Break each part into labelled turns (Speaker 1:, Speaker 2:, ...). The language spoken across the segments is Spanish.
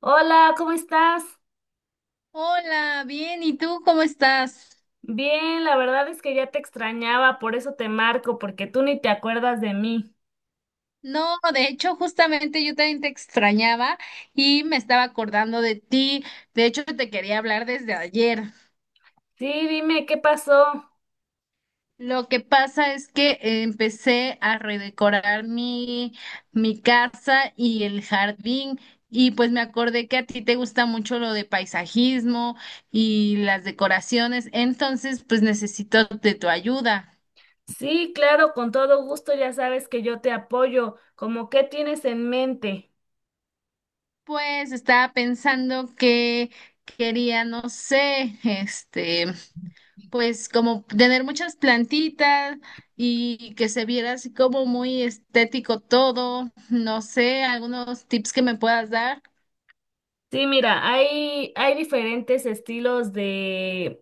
Speaker 1: Hola, ¿cómo estás?
Speaker 2: Hola, bien, ¿y tú cómo estás?
Speaker 1: Bien, la verdad es que ya te extrañaba, por eso te marco, porque tú ni te acuerdas de mí.
Speaker 2: No, de hecho, justamente yo también te extrañaba y me estaba acordando de ti. De hecho, te quería hablar desde ayer.
Speaker 1: Sí, dime, ¿qué pasó?
Speaker 2: Lo que pasa es que empecé a redecorar mi casa y el jardín y pues me acordé que a ti te gusta mucho lo de paisajismo y las decoraciones, entonces pues necesito de tu ayuda.
Speaker 1: Sí, claro, con todo gusto, ya sabes que yo te apoyo. ¿Cómo qué tienes en mente?
Speaker 2: Pues estaba pensando que quería, no sé, pues como tener muchas plantitas y que se viera así como muy estético todo, no sé, algunos tips que me puedas dar.
Speaker 1: Sí, mira, hay diferentes estilos de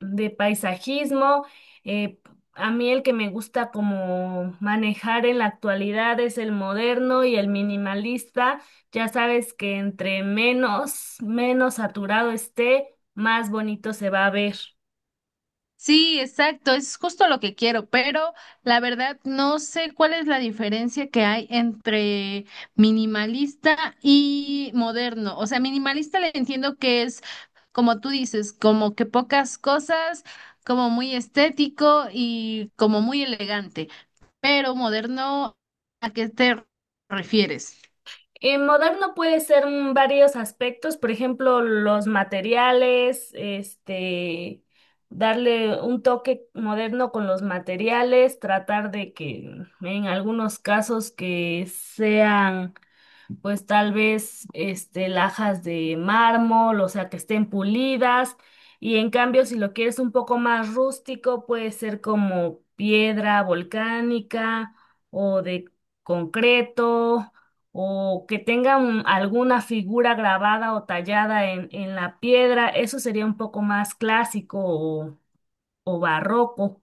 Speaker 1: paisajismo. eh, a mí el que me gusta como manejar en la actualidad es el moderno y el minimalista. Ya sabes que entre menos saturado esté, más bonito se va a ver.
Speaker 2: Sí, exacto, es justo lo que quiero, pero la verdad no sé cuál es la diferencia que hay entre minimalista y moderno. O sea, minimalista le entiendo que es, como tú dices, como que pocas cosas, como muy estético y como muy elegante, pero moderno, ¿a qué te refieres?
Speaker 1: En moderno puede ser varios aspectos, por ejemplo, los materiales, darle un toque moderno con los materiales, tratar de que en algunos casos que sean pues tal vez lajas de mármol, o sea, que estén pulidas. Y en cambio, si lo quieres un poco más rústico, puede ser como piedra volcánica o de concreto, o que tenga alguna figura grabada o tallada en la piedra. Eso sería un poco más clásico o barroco.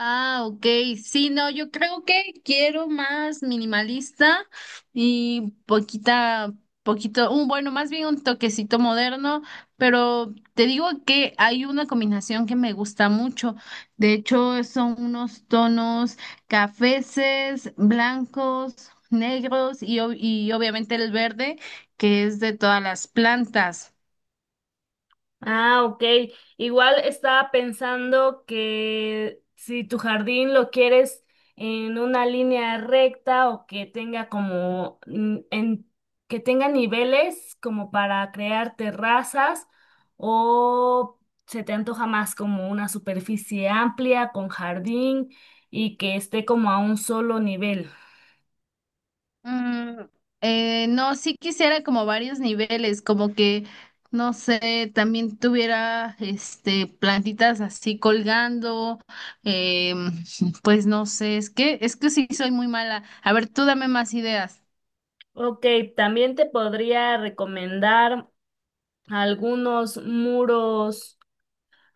Speaker 2: Ah, ok. Sí, no, yo creo que quiero más minimalista y poquita, poquito, un bueno, más bien un toquecito moderno, pero te digo que hay una combinación que me gusta mucho. De hecho, son unos tonos cafeces, blancos, negros y, ob- y obviamente el verde, que es de todas las plantas.
Speaker 1: Ah, ok. Igual estaba pensando que si tu jardín lo quieres en una línea recta o que tenga como en que tenga niveles como para crear terrazas o se te antoja más como una superficie amplia con jardín y que esté como a un solo nivel.
Speaker 2: Mm, no, sí quisiera como varios niveles, como que, no sé, también tuviera este plantitas así colgando, em, pues no sé, es que sí soy muy mala. A ver, tú dame más ideas.
Speaker 1: Ok, también te podría recomendar algunos muros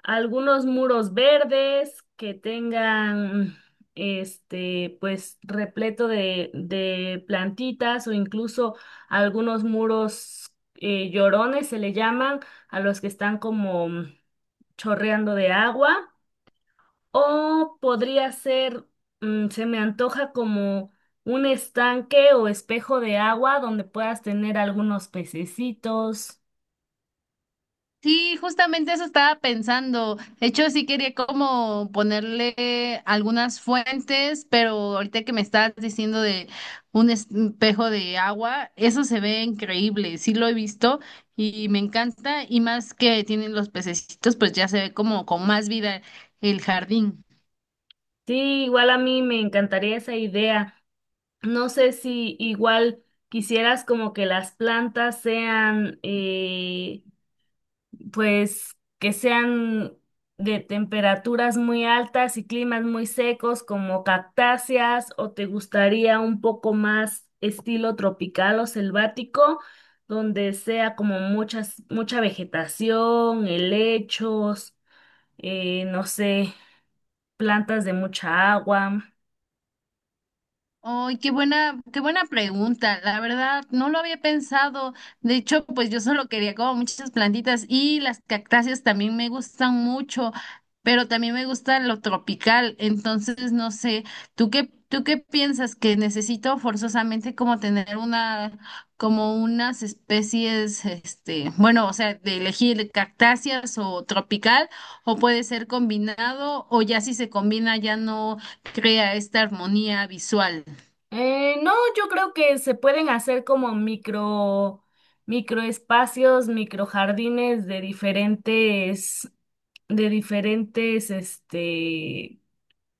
Speaker 1: algunos muros verdes que tengan, pues repleto de plantitas o incluso algunos muros llorones se le llaman a los que están como chorreando de agua o se me antoja como un estanque o espejo de agua donde puedas tener algunos pececitos.
Speaker 2: Sí, justamente eso estaba pensando. De hecho, sí quería como ponerle algunas fuentes, pero ahorita que me estás diciendo de un espejo de agua, eso se ve increíble. Sí lo he visto y me encanta. Y más que tienen los pececitos, pues ya se ve como con más vida el jardín.
Speaker 1: Sí, igual a mí me encantaría esa idea. No sé si igual quisieras como que las plantas sean, pues, que sean de temperaturas muy altas y climas muy secos como cactáceas, o te gustaría un poco más estilo tropical o selvático, donde sea como mucha vegetación, helechos, no sé, plantas de mucha agua.
Speaker 2: Ay, qué buena pregunta. La verdad, no lo había pensado. De hecho, pues yo solo quería como muchas plantitas y las cactáceas también me gustan mucho, pero también me gusta lo tropical. Entonces, no sé, tú qué piensas que necesito forzosamente como tener una, como unas especies, este, bueno, o sea, de elegir cactáceas o tropical, o puede ser combinado, o ya si se combina ya no crea esta armonía visual?
Speaker 1: No, yo creo que se pueden hacer como microespacios, microjardines de diferentes,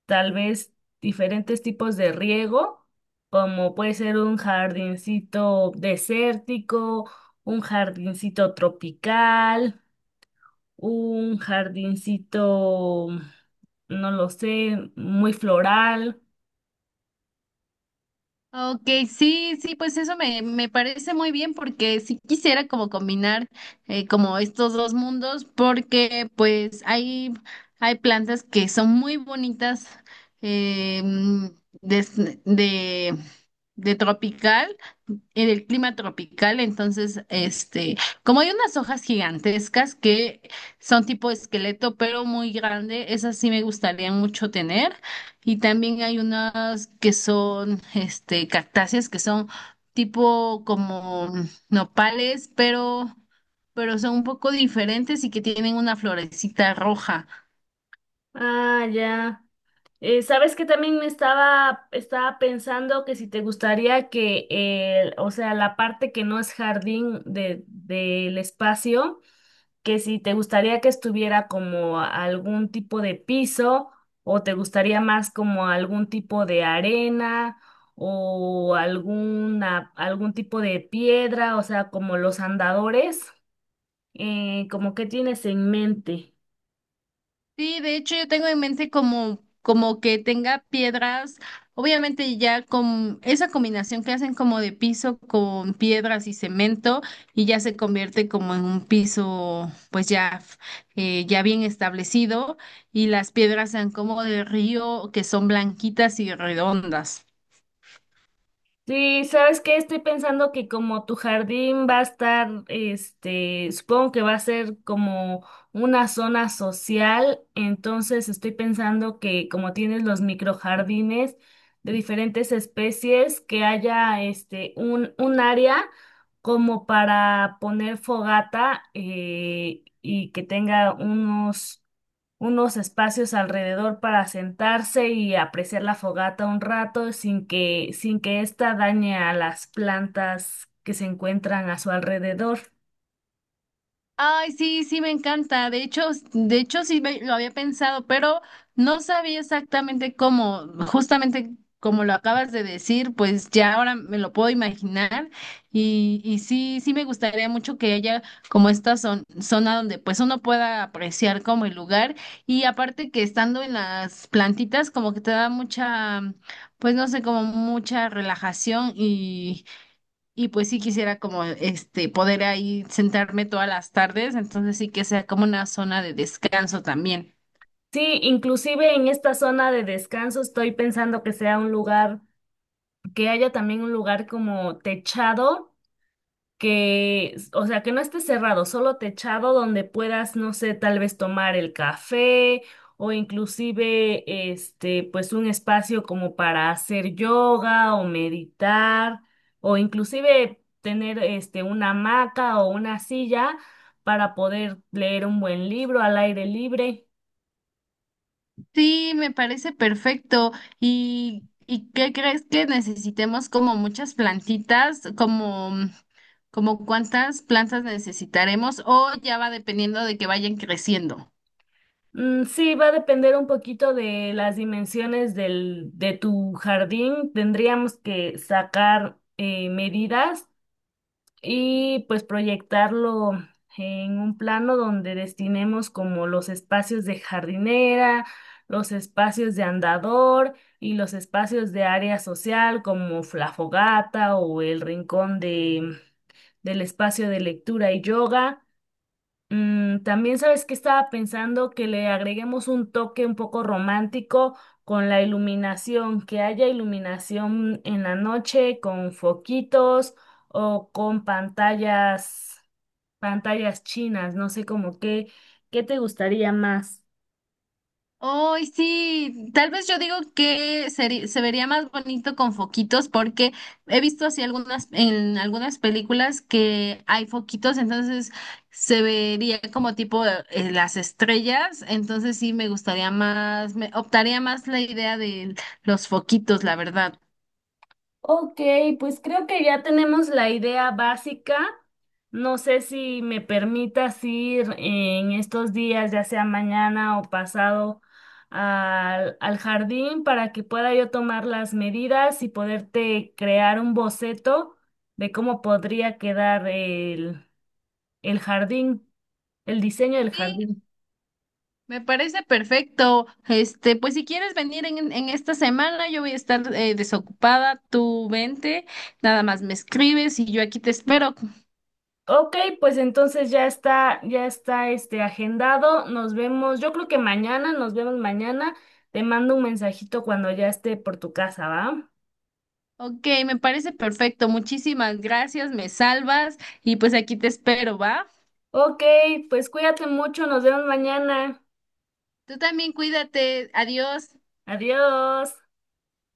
Speaker 1: tal vez diferentes tipos de riego, como puede ser un jardincito desértico, un jardincito tropical, un jardincito, no lo sé, muy floral.
Speaker 2: Ok, sí, sí, pues eso me parece muy bien porque sí quisiera como combinar como estos dos mundos porque pues hay plantas que son muy bonitas eh, des- de, de tropical, en el clima tropical, entonces este, como hay unas hojas gigantescas que son tipo esqueleto pero muy grande, esas sí me gustaría mucho tener. Y también hay unas que son, este, cactáceas que son tipo como nopales, pero son un poco diferentes y que tienen una florecita roja.
Speaker 1: Ah, ya. Sabes que también me estaba pensando que si te gustaría que, o sea, la parte que no es jardín de, del espacio, que si te gustaría que estuviera como algún tipo de piso o te gustaría más como algún tipo de arena o algún tipo de piedra, o sea, como los andadores, como qué tienes en mente.
Speaker 2: Sí, de hecho yo tengo en mente como, como que tenga piedras, obviamente ya con esa combinación que hacen como de piso con piedras y cemento y ya se convierte como en un piso pues ya, ya bien establecido y las piedras sean como de río que son blanquitas y redondas.
Speaker 1: Sí, ¿sabes que estoy pensando que como tu jardín va a estar, este, supongo que va a ser como una zona social? Entonces estoy pensando que como tienes los microjardines de diferentes especies, que haya este un área como para poner fogata y que tenga unos unos espacios alrededor para sentarse y apreciar la fogata un rato sin que ésta dañe a las plantas que se encuentran a su alrededor.
Speaker 2: Ay, sí, sí, me encanta. De hecho, de hecho sí lo había pensado, pero no sabía exactamente cómo, justamente como lo acabas de decir, pues ya ahora me lo puedo imaginar y sí, sí me gustaría mucho que haya como esta zona donde pues uno pueda apreciar como el lugar y aparte que estando en las plantitas como que te da mucha, pues no sé, como mucha relajación y pues sí quisiera como este poder ahí sentarme todas las tardes, entonces sí que sea como una zona de descanso también.
Speaker 1: Sí, inclusive en esta zona de descanso estoy pensando que sea un lugar, que haya también un lugar como techado que, o sea, que no esté cerrado, solo techado donde puedas, no sé, tal vez tomar el café o inclusive, pues un espacio como para hacer yoga o meditar o inclusive tener, una hamaca o una silla para poder leer un buen libro al aire libre.
Speaker 2: Sí, me parece perfecto. Y qué crees que necesitemos como muchas plantitas, como como cuántas plantas necesitaremos o ya va dependiendo de que vayan creciendo?
Speaker 1: Sí, va a depender un poquito de las dimensiones del, de tu jardín. Tendríamos que sacar medidas y pues proyectarlo en un plano donde destinemos como los espacios de jardinera, los espacios de andador y los espacios de área social como la fogata o el rincón de, del espacio de lectura y yoga. También sabes que estaba pensando que le agreguemos un toque un poco romántico con la iluminación, que haya iluminación en la noche con foquitos o con pantallas, pantallas chinas, no sé como qué, ¿qué te gustaría más?
Speaker 2: Hoy sí, tal vez yo digo que se vería más bonito con foquitos porque he visto así algunas en algunas películas que hay foquitos, entonces se vería como tipo las estrellas, entonces sí me gustaría más, me optaría más la idea de los foquitos, la verdad.
Speaker 1: Ok, pues creo que ya tenemos la idea básica. No sé si me permitas ir en estos días, ya sea mañana o pasado, al jardín para que pueda yo tomar las medidas y poderte crear un boceto de cómo podría quedar el jardín, el diseño del
Speaker 2: Sí,
Speaker 1: jardín.
Speaker 2: me parece perfecto. Este, pues si quieres venir en esta semana, yo voy a estar desocupada, tú vente, nada más me escribes y yo aquí te espero.
Speaker 1: Ok, pues entonces ya está este agendado. Nos vemos, yo creo que mañana, nos vemos mañana. Te mando un mensajito cuando ya esté por tu casa, ¿va?
Speaker 2: Ok, me parece perfecto. Muchísimas gracias, me salvas y pues aquí te espero, ¿va?
Speaker 1: Ok, pues cuídate mucho, nos vemos mañana.
Speaker 2: Tú también cuídate. Adiós.
Speaker 1: Adiós.